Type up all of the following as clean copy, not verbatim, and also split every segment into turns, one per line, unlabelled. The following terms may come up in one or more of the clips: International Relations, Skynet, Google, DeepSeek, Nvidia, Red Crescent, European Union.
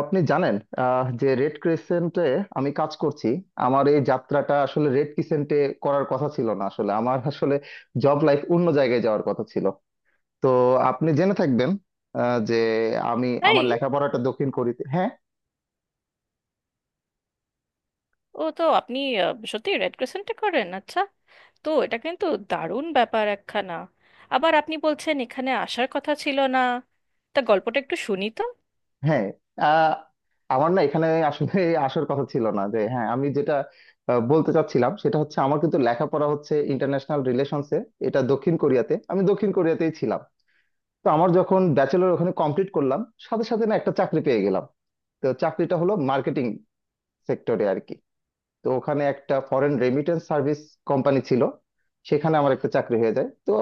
আপনি জানেন যে রেড ক্রিসেন্টে আমি কাজ করছি। আমার এই যাত্রাটা আসলে রেড ক্রিসেন্টে করার কথা ছিল না, আসলে আমার জব লাইফ অন্য জায়গায় যাওয়ার কথা ছিল। তো আপনি জেনে থাকবেন যে আমি
তাই।
আমার লেখাপড়াটা দক্ষিণ কোরিয়াতে। হ্যাঁ,
ও তো আপনি সত্যি রেড ক্রিসেন্টে করেন? আচ্ছা, তো এটা কিন্তু দারুণ ব্যাপার একখানা। আবার আপনি বলছেন এখানে আসার কথা ছিল না। তা গল্পটা একটু শুনি তো।
হ্যাঁ। আহ, আমার না এখানে আসলে আসার কথা ছিল না যে। হ্যাঁ, আমি যেটা বলতে চাচ্ছিলাম সেটা হচ্ছে আমার কিন্তু লেখাপড়া হচ্ছে ইন্টারন্যাশনাল রিলেশনসে। এটা দক্ষিণ কোরিয়াতে, আমি দক্ষিণ কোরিয়াতেই ছিলাম। তো আমার যখন ব্যাচেলর ওখানে কমপ্লিট করলাম, সাথে সাথে না একটা চাকরি পেয়ে গেলাম। তো চাকরিটা হলো মার্কেটিং সেক্টরে আর কি। তো ওখানে একটা ফরেন রেমিটেন্স সার্ভিস কোম্পানি ছিল, সেখানে আমার একটা চাকরি হয়ে যায়। তো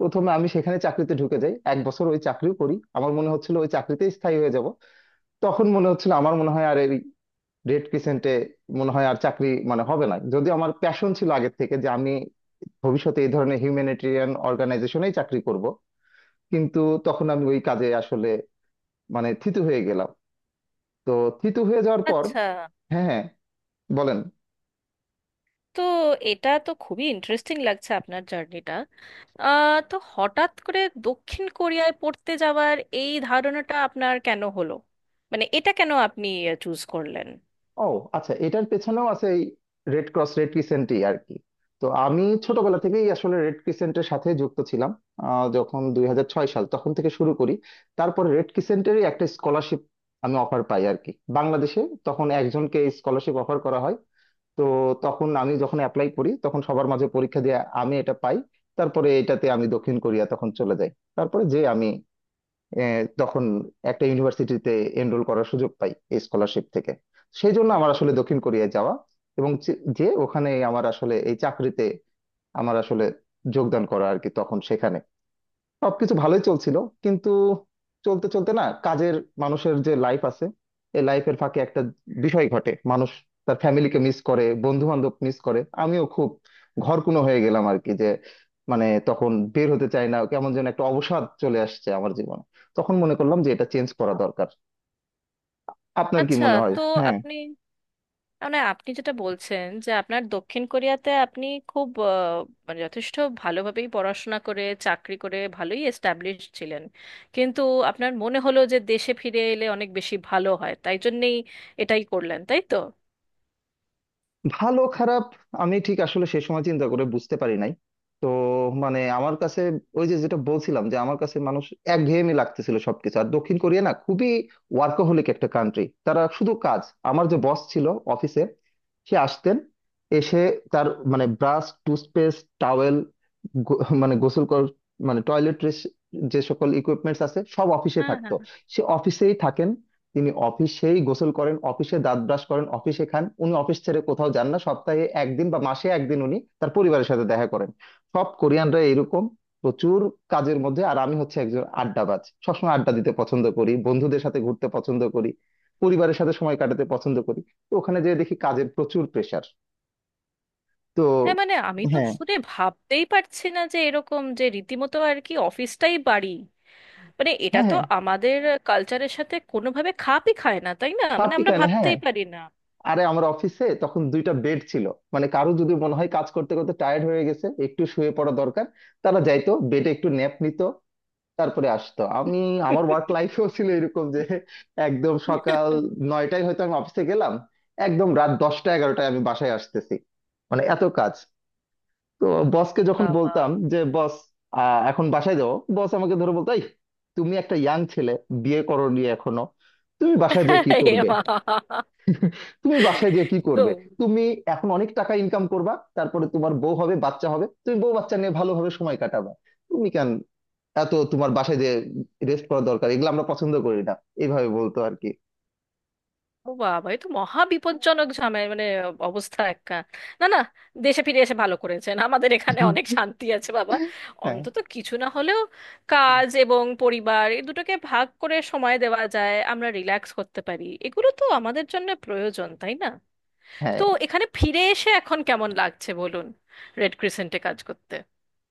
প্রথমে আমি সেখানে চাকরিতে ঢুকে যাই, 1 বছর ওই চাকরিও করি। আমার মনে হচ্ছিল ওই চাকরিতে স্থায়ী হয়ে যাব। তখন মনে হচ্ছিল আমার মনে হয় আর এই রেড ক্রিসেন্টে মনে হয় আর চাকরি মানে হবে না। যদি আমার প্যাশন ছিল আগের থেকে যে আমি ভবিষ্যতে এই ধরনের হিউম্যানিটেরিয়ান অর্গানাইজেশনেই চাকরি করব, কিন্তু তখন আমি ওই কাজে আসলে মানে থিতু হয়ে গেলাম। তো থিতু হয়ে যাওয়ার পর
আচ্ছা,
হ্যাঁ, হ্যাঁ, বলেন।
তো এটা তো খুবই ইন্টারেস্টিং লাগছে আপনার জার্নিটা। তো হঠাৎ করে দক্ষিণ কোরিয়ায় পড়তে যাওয়ার এই ধারণাটা আপনার কেন হলো? মানে এটা কেন আপনি চুজ করলেন?
ও আচ্ছা, এটার পেছনেও আছে এই রেড ক্রস রেড ক্রিসেন্টই আর কি। তো আমি ছোটবেলা থেকেই আসলে রেড ক্রিসেন্টের সাথে যুক্ত ছিলাম। যখন 2006 সাল তখন থেকে শুরু করি। তারপর রেড ক্রিসেন্টেরই একটা স্কলারশিপ আমি অফার পাই আর কি, বাংলাদেশে তখন একজনকে স্কলারশিপ অফার করা হয়। তো তখন আমি যখন অ্যাপ্লাই করি, তখন সবার মাঝে পরীক্ষা দিয়ে আমি এটা পাই। তারপরে এটাতে আমি দক্ষিণ কোরিয়া তখন চলে যাই। তারপরে যে আমি এ, তখন একটা ইউনিভার্সিটিতে এনরোল করার সুযোগ পাই এই স্কলারশিপ থেকে। সেই জন্য আমার আসলে দক্ষিণ কোরিয়ায় যাওয়া এবং যে যে ওখানে আমার আসলে এই চাকরিতে আমার আসলে যোগদান করা আর কি। তখন সেখানে সবকিছু ভালোই চলছিল, কিন্তু চলতে চলতে না কাজের মানুষের যে লাইফ আছে, এই লাইফের ফাঁকে একটা বিষয় ঘটে, মানুষ তার ফ্যামিলিকে মিস করে, বন্ধু বান্ধব মিস করে। আমিও খুব ঘরকুনো হয়ে গেলাম আর কি। যে মানে তখন বের হতে চাই না, কেমন যেন একটা অবসাদ চলে আসছে আমার জীবনে। তখন মনে করলাম যে এটা চেঞ্জ করা দরকার, আপনার কি
আচ্ছা,
মনে হয়?
তো
হ্যাঁ,
আপনি মানে আপনি যেটা বলছেন যে আপনার দক্ষিণ কোরিয়াতে আপনি খুব মানে যথেষ্ট ভালোভাবেই পড়াশোনা করে চাকরি করে ভালোই এস্টাবলিশ ছিলেন। কিন্তু আপনার মনে হলো যে দেশে ফিরে এলে অনেক বেশি ভালো হয়, তাই জন্যেই এটাই করলেন, তাই তো?
ভালো খারাপ আমি ঠিক আসলে সেই সময় চিন্তা করে বুঝতে পারি নাই। তো মানে আমার কাছে ওই যে যেটা বলছিলাম, যে আমার কাছে মানুষ একঘেয়েমি লাগতেছিল সবকিছু। আর দক্ষিণ কোরিয়া না খুবই ওয়ার্কাহলিক একটা কান্ট্রি, তারা শুধু কাজ। আমার যে বস ছিল অফিসে, সে আসতেন, এসে তার মানে ব্রাশ, টুথপেস্ট, টাওয়েল, মানে গোসল কর, মানে টয়লেট, যে সকল ইকুইপমেন্টস আছে সব অফিসে
হ্যাঁ
থাকতো।
হ্যাঁ
সে অফিসেই থাকেন, তিনি অফিসেই গোসল করেন, অফিসে দাঁত ব্রাশ করেন, অফিসে খান, উনি অফিস ছেড়ে কোথাও যান না। সপ্তাহে একদিন বা মাসে একদিন উনি তার পরিবারের সাথে দেখা করেন। সব কোরিয়ানরা এরকম, প্রচুর কাজের মধ্যে। আর আমি হচ্ছে একজন আড্ডাবাজ, সবসময় আড্ডা দিতে পছন্দ করি, বন্ধুদের সাথে ঘুরতে পছন্দ করি, পরিবারের সাথে সময় কাটাতে পছন্দ করি। তো ওখানে যেয়ে দেখি কাজের প্রচুর প্রেসার। তো
হ্যাঁ মানে আমি তো
হ্যাঁ,
শুনে ভাবতেই পারছি না যে এরকম, যে রীতিমতো আর কি অফিসটাই বাড়ি। মানে এটা
হ্যাঁ,
তো
হ্যাঁ,
আমাদের কালচারের সাথে কোনোভাবে খাপই খায় না, তাই না? মানে
খাপই
আমরা
খায় না, হ্যাঁ।
ভাবতেই পারি না।
আরে আমার অফিসে তখন 2টা বেড ছিল। মানে কারো যদি মনে হয় কাজ করতে করতে টায়ার্ড হয়ে গেছে, একটু শুয়ে পড়া দরকার, তারা যাইতো বেডে, একটু ন্যাপ নিত, তারপরে আসতো। আমি, আমার ওয়ার্ক লাইফেও ছিল এরকম যে একদম সকাল 9টায় হয়তো আমি অফিসে গেলাম, একদম রাত 10টা 11টায় আমি বাসায় আসতেছি, মানে এত কাজ। তো বসকে যখন
বাবা।
বলতাম যে বস এখন বাসায় যাও, বস আমাকে ধরে বলতো, "এই, তুমি একটা ইয়াং ছেলে, বিয়ে করোনি এখনো, তুমি বাসায় যেয়ে কি
এ
করবে?
মা!
তুমি বাসায় গিয়ে কি
তো
করবে? তুমি এখন অনেক টাকা ইনকাম করবা, তারপরে তোমার বউ হবে, বাচ্চা হবে, তুমি বউ বাচ্চা নিয়ে ভালোভাবে সময় কাটাবা। তুমি কেন এত, তোমার বাসায় যে রেস্ট করা দরকার এগুলো আমরা পছন্দ করি না।" এইভাবে বলতো আর কি।
ও বাবা, এ তো মহা বিপজ্জনক ঝামেলা, মানে অবস্থা একটা। না না, দেশে ফিরে এসে ভালো করেছেন, আমাদের এখানে অনেক শান্তি আছে, বাবা।
হ্যাঁ,
অন্তত কিছু না হলেও কাজ এবং পরিবার এই দুটোকে ভাগ করে সময় দেওয়া যায়, আমরা রিল্যাক্স করতে পারি, এগুলো তো আমাদের জন্য প্রয়োজন, তাই না? তো
হ্যাঁ,
এখানে ফিরে এসে এখন কেমন লাগছে বলুন, রেড ক্রিসেন্টে কাজ করতে?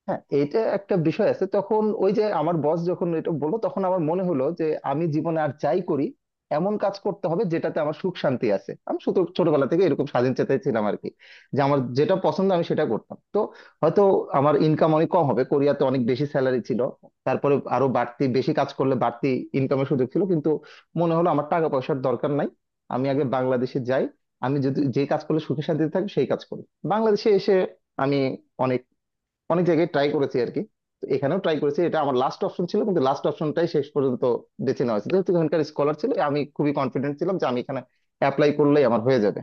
হ্যাঁ, এটা একটা বিষয় আছে। তখন ওই যে আমার বস যখন এটা বললো, তখন আমার মনে হলো যে আমি জীবনে আর যাই করি, এমন কাজ করতে হবে যেটাতে আমার সুখ শান্তি আছে। আমি শুধু ছোটবেলা থেকে এরকম স্বাধীন চেতাই ছিলাম আর কি, যে আমার যেটা পছন্দ আমি সেটা করতাম। তো হয়তো আমার ইনকাম অনেক কম হবে, কোরিয়াতে অনেক বেশি স্যালারি ছিল, তারপরে আরো বাড়তি বেশি কাজ করলে বাড়তি ইনকামের সুযোগ ছিল, কিন্তু মনে হলো আমার টাকা পয়সার দরকার নাই, আমি আগে বাংলাদেশে যাই, আমি যদি যে কাজ করলে সুখে শান্তিতে থাকবো সেই কাজ করি। বাংলাদেশে এসে আমি অনেক অনেক জায়গায় ট্রাই করেছি আর কি। তো এখানেও ট্রাই করেছি, এটা আমার লাস্ট অপশন ছিল, কিন্তু লাস্ট অপশনটাই শেষ পর্যন্ত বেছে নেওয়া হয়েছে। যেহেতু এখানকার স্কলার ছিল, আমি খুবই কনফিডেন্ট ছিলাম যে আমি এখানে অ্যাপ্লাই করলেই আমার হয়ে যাবে।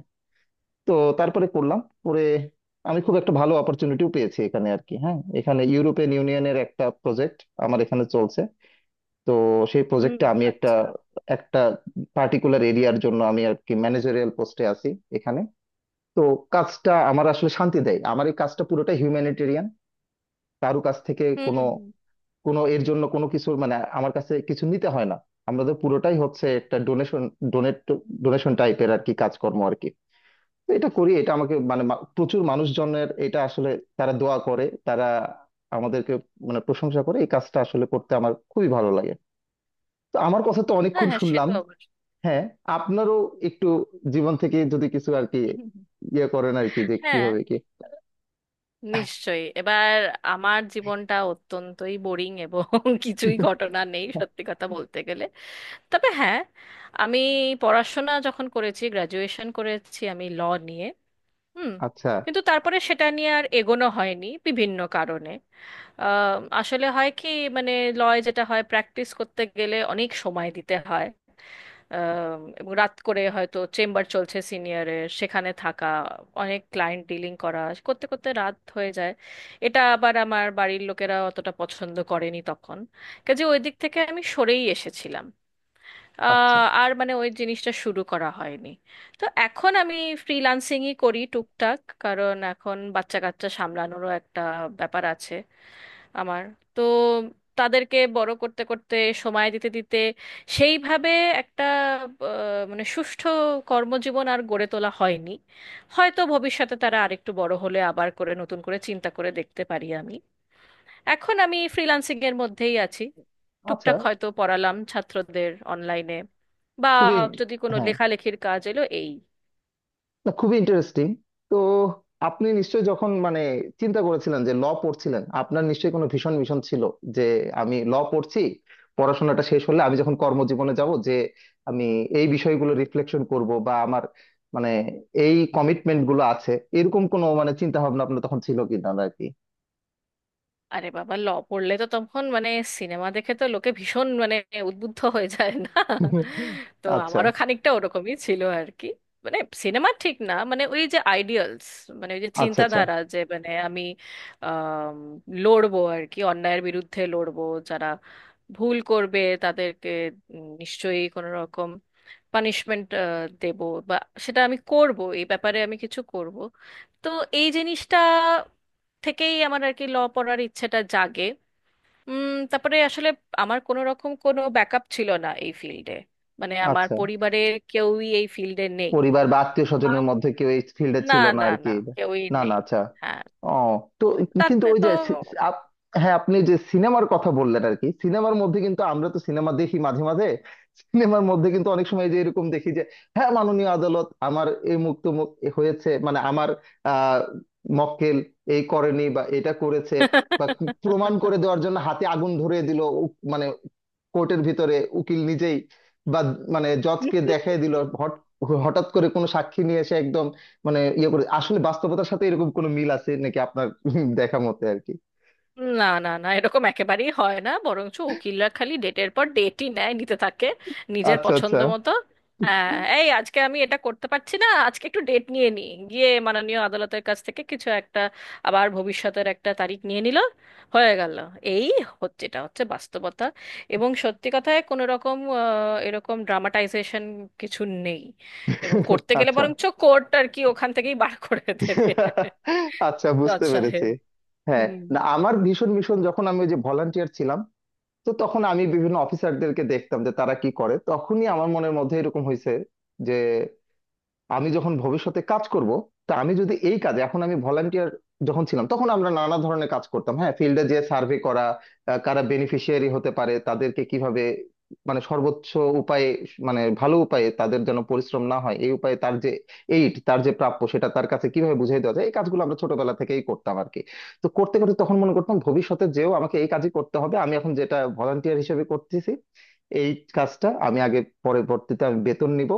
তো তারপরে করলাম। পরে আমি খুব একটা ভালো অপরচুনিটিও পেয়েছি এখানে আর কি। হ্যাঁ, এখানে ইউরোপিয়ান ইউনিয়নের একটা প্রজেক্ট আমার এখানে চলছে। তো সেই
হুম,
প্রজেক্টে আমি একটা
আচ্ছা।
একটা পার্টিকুলার এরিয়ার জন্য আমি আর কি ম্যানেজারিয়াল পোস্টে আছি এখানে। তো কাজটা আমার আসলে শান্তি দেয়, আমার এই কাজটা পুরোটা হিউম্যানিটেরিয়ান। কারো কাছ থেকে
হুম
কোনো
হুম।
কোনো এর জন্য কোনো কিছু মানে আমার কাছে কিছু নিতে হয় না। আমাদের পুরোটাই হচ্ছে একটা ডোনেশন, ডোনেট, ডোনেশন টাইপের আর কি কাজকর্ম আর কি। তো এটা করি, এটা আমাকে মানে প্রচুর মানুষজনের এটা আসলে, তারা দোয়া করে, তারা আমাদেরকে মানে প্রশংসা করে, এই কাজটা আসলে করতে আমার খুবই ভালো লাগে। তো আমার কথা তো
হ্যাঁ
অনেকক্ষণ
হ্যাঁ, সে
শুনলাম।
তো অবশ্যই।
হ্যাঁ, আপনারও একটু জীবন থেকে যদি কিছু আর কি
হুম, হুম, হুম।
ইয়ে করেন আর কি, যে
হ্যাঁ,
কিভাবে কি।
নিশ্চয়ই এবার। আমার জীবনটা অত্যন্তই বোরিং এবং কিছুই ঘটনা নেই সত্যি কথা বলতে গেলে। তবে হ্যাঁ, আমি পড়াশোনা যখন করেছি, গ্র্যাজুয়েশন করেছি আমি ল নিয়ে। হুম।
আচ্ছা,
কিন্তু তারপরে সেটা নিয়ে আর এগোনো হয়নি বিভিন্ন কারণে। আসলে হয় কি, মানে লয় যেটা হয়, প্র্যাকটিস করতে গেলে অনেক সময় দিতে হয়। এবং রাত করে হয়তো চেম্বার চলছে সিনিয়রের, সেখানে থাকা, অনেক ক্লায়েন্ট ডিলিং করা, করতে করতে রাত হয়ে যায়। এটা আবার আমার বাড়ির লোকেরা অতটা পছন্দ করেনি তখন। কাজে ওই দিক থেকে আমি সরেই এসেছিলাম।
আচ্ছা,
আর মানে ওই জিনিসটা শুরু করা হয়নি। তো এখন আমি ফ্রিল্যান্সিংই করি টুকটাক, কারণ এখন বাচ্চা কাচ্চা সামলানোরও একটা ব্যাপার আছে আমার। তো তাদেরকে বড় করতে করতে, সময় দিতে দিতে সেইভাবে একটা মানে সুষ্ঠু কর্মজীবন আর গড়ে তোলা হয়নি। হয়তো ভবিষ্যতে তারা আরেকটু বড় হলে আবার করে নতুন করে চিন্তা করে দেখতে পারি আমি। এখন আমি ফ্রিল্যান্সিং এর মধ্যেই আছি,
আচ্ছা,
টুকটাক হয়তো পড়ালাম ছাত্রদের অনলাইনে, বা
খুবই
যদি কোনো
হ্যাঁ,
লেখালেখির কাজ এলো এই।
না খুবই ইন্টারেস্টিং। তো আপনি নিশ্চয়ই যখন মানে চিন্তা করেছিলেন যে ল পড়ছিলেন, আপনার নিশ্চয়ই কোনো ভীষণ মিশন ছিল যে আমি ল পড়ছি, পড়াশোনাটা শেষ হলে আমি যখন কর্মজীবনে যাব, যে আমি এই বিষয়গুলো রিফ্লেকশন করব বা আমার মানে এই কমিটমেন্ট গুলো আছে, এরকম কোনো মানে চিন্তা ভাবনা আপনার তখন ছিল কিনা আর কি।
আরে বাবা, ল পড়লে তো তখন মানে সিনেমা দেখে তো লোকে ভীষণ মানে উদ্বুদ্ধ হয়ে যায় না? তো
আচ্ছা,
আমারও খানিকটা ওরকমই ছিল আর কি। মানে সিনেমা ঠিক না, মানে ওই যে আইডিয়ালস, মানে ওই যে
আচ্ছা, আচ্ছা,
চিন্তাধারা, যে মানে আমি আম, লড়বো আর কি, অন্যায়ের বিরুদ্ধে লড়বো। যারা ভুল করবে তাদেরকে নিশ্চয়ই কোনো রকম পানিশমেন্ট দেব, বা সেটা আমি করব, এই ব্যাপারে আমি কিছু করব। তো এই জিনিসটা থেকেই আমার আর কি ল পড়ার ইচ্ছেটা জাগে। উম, তারপরে আসলে আমার কোনো রকম কোনো ব্যাকআপ ছিল না এই ফিল্ডে, মানে আমার
আচ্ছা,
পরিবারের কেউই এই ফিল্ডে নেই।
পরিবার বা আত্মীয় স্বজনের
আম,
মধ্যে কেউ এই ফিল্ডে
না।
ছিল না
না
আর কি।
না, কেউই
না, না,
নেই।
আচ্ছা,
হ্যাঁ।
ও। তো কিন্তু
তাতে
ওই
তো।
যে সি- সি- আপ- হ্যাঁ, আপনি যে সিনেমার কথা বললেন আর কি, সিনেমার মধ্যে কিন্তু, আমরা তো সিনেমা দেখি মাঝে মাঝে, সিনেমার মধ্যে কিন্তু অনেক সময় যে এরকম দেখি যে হ্যাঁ, মাননীয় আদালত আমার এই মুক্ত এ হয়েছে মানে আমার আহ মক্কেল এই করেনি বা এটা করেছে, বা প্রমাণ করে দেওয়ার জন্য হাতে আগুন ধরিয়ে দিল, মানে কোর্টের ভিতরে উকিল নিজেই, বা মানে জজকে দেখাই দিল, হট- হঠাৎ করে কোনো সাক্ষী নিয়ে এসে একদম মানে ইয়ে করে, আসলে বাস্তবতার সাথে এরকম কোনো মিল আছে নাকি আপনার দেখা মতে আর কি।
না না না, এরকম একেবারেই হয় না, বরঞ্চ উকিলরা খালি ডেটের পর ডেটই নেয়, নিতে থাকে নিজের
আচ্ছা, আচ্ছা,
পছন্দ মতো। হ্যাঁ, এই আজকে আমি এটা করতে পারছি না, আজকে একটু ডেট নিয়ে নিই গিয়ে মাননীয় আদালতের কাছ থেকে কিছু একটা। আবার ভবিষ্যতের একটা তারিখ নিয়ে নিল, হয়ে গেল। এই হচ্ছে, এটা হচ্ছে বাস্তবতা। এবং সত্যি কথায় কোনো রকম এরকম ড্রামাটাইজেশন কিছু নেই। এবং করতে গেলে
আচ্ছা,
বরঞ্চ কোর্ট আর কি ওখান থেকেই বার করে দেবে,
আচ্ছা,
জজ
বুঝতে পেরেছি।
সাহেব।
হ্যাঁ, না আমার ভীষণ ভীষণ, যখন আমি ওই যে ভলান্টিয়ার ছিলাম, তো তখন আমি বিভিন্ন অফিসারদেরকে দেখতাম যে তারা কি করে, তখনই আমার মনের মধ্যে এরকম হয়েছে আমি যখন ভবিষ্যতে কাজ করব, তা আমি যদি এই কাজে, এখন আমি ভলান্টিয়ার যখন ছিলাম তখন আমরা নানা ধরনের কাজ করতাম। হ্যাঁ, ফিল্ডে যে সার্ভে করা, কারা বেনিফিশিয়ারি হতে পারে, তাদেরকে কিভাবে মানে সর্বোচ্চ উপায়ে, মানে ভালো উপায়ে তাদের যেন পরিশ্রম না হয়, এই উপায়ে তার যে এইড, তার যে প্রাপ্য সেটা তার কাছে কিভাবে বুঝিয়ে দেওয়া যায়, এই কাজগুলো আমরা ছোটবেলা থেকেই করতাম আর কি। তো করতে করতে তখন মনে করতাম ভবিষ্যতে যেও আমাকে এই কাজই করতে হবে, আমি এখন যেটা ভলান্টিয়ার হিসেবে করতেছি এই কাজটা আমি আগে, পরবর্তীতে আমি বেতন নিব,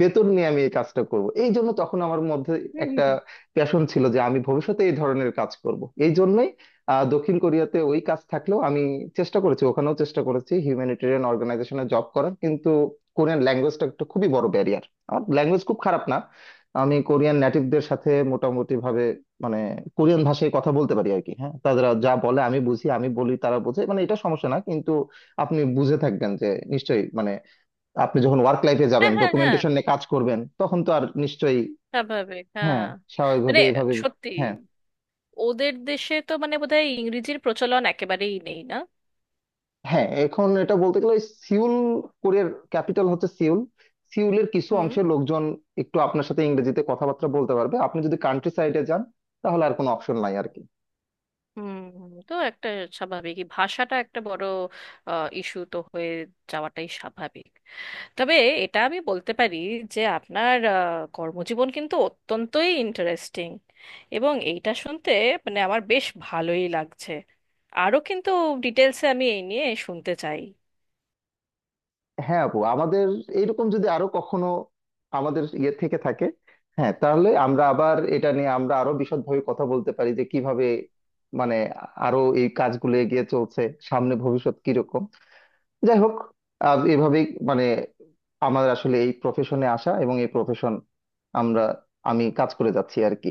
বেতন নিয়ে আমি এই কাজটা করব। এই জন্য তখন আমার মধ্যে একটা
হুম।
প্যাশন ছিল যে আমি ভবিষ্যতে এই ধরনের কাজ করব। এই জন্যই দক্ষিণ কোরিয়াতে ওই কাজ থাকলেও আমি চেষ্টা করেছি, ওখানেও চেষ্টা করেছি হিউম্যানিটেরিয়ান অর্গানাইজেশনে জব করার, কিন্তু কোরিয়ান ল্যাঙ্গুয়েজটা একটা খুবই বড় ব্যারিয়ার। আমার ল্যাঙ্গুয়েজ খুব খারাপ না, আমি কোরিয়ান নেটিভদের সাথে মোটামুটি ভাবে মানে কোরিয়ান ভাষায় কথা বলতে পারি আর কি। হ্যাঁ, তারা যা বলে আমি বুঝি, আমি বলি তারা বোঝে, মানে এটা সমস্যা না, কিন্তু আপনি বুঝে থাকবেন যে নিশ্চয়ই মানে, আপনি যখন ওয়ার্ক লাইফে
হ্যাঁ
যাবেন,
হ্যাঁ হ্যাঁ,
ডকুমেন্টেশন নিয়ে কাজ করবেন, তখন তো আর নিশ্চয়ই
স্বাভাবিক, হ্যাঁ।
হ্যাঁ,
মানে
স্বাভাবিকভাবে এভাবে।
সত্যি,
হ্যাঁ,
ওদের দেশে তো মানে বোধহয় ইংরেজির প্রচলন একেবারেই নেই, না?
হ্যাঁ, এখন এটা বলতে গেলে ওই সিউল, কোরিয়ার ক্যাপিটাল হচ্ছে সিউল, সিউলের কিছু
হুম।
অংশের লোকজন একটু আপনার সাথে ইংরেজিতে কথাবার্তা বলতে পারবে, আপনি যদি কান্ট্রি সাইডে যান তাহলে আর কোনো অপশন নাই আর কি।
হুম, তো একটা স্বাভাবিক, এই ভাষাটা একটা বড় ইস্যু তো হয়ে যাওয়াটাই স্বাভাবিক। তবে এটা আমি বলতে পারি যে আপনার কর্মজীবন কিন্তু অত্যন্তই ইন্টারেস্টিং, এবং এইটা শুনতে মানে আমার বেশ ভালোই লাগছে। আরও কিন্তু ডিটেলসে আমি এই নিয়ে শুনতে চাই।
হ্যাঁ, আপু আমাদের এইরকম যদি আরো কখনো আমাদের ইয়ে থেকে থাকে, হ্যাঁ তাহলে আমরা আবার এটা নিয়ে আমরা আরো বিশদভাবে কথা বলতে পারি, যে কিভাবে মানে আরো এই কাজগুলো এগিয়ে চলছে, সামনে ভবিষ্যৎ কিরকম। যাই হোক, এভাবেই মানে আমার আসলে এই প্রফেশনে আসা এবং এই প্রফেশন আমরা আমি কাজ করে যাচ্ছি আর কি।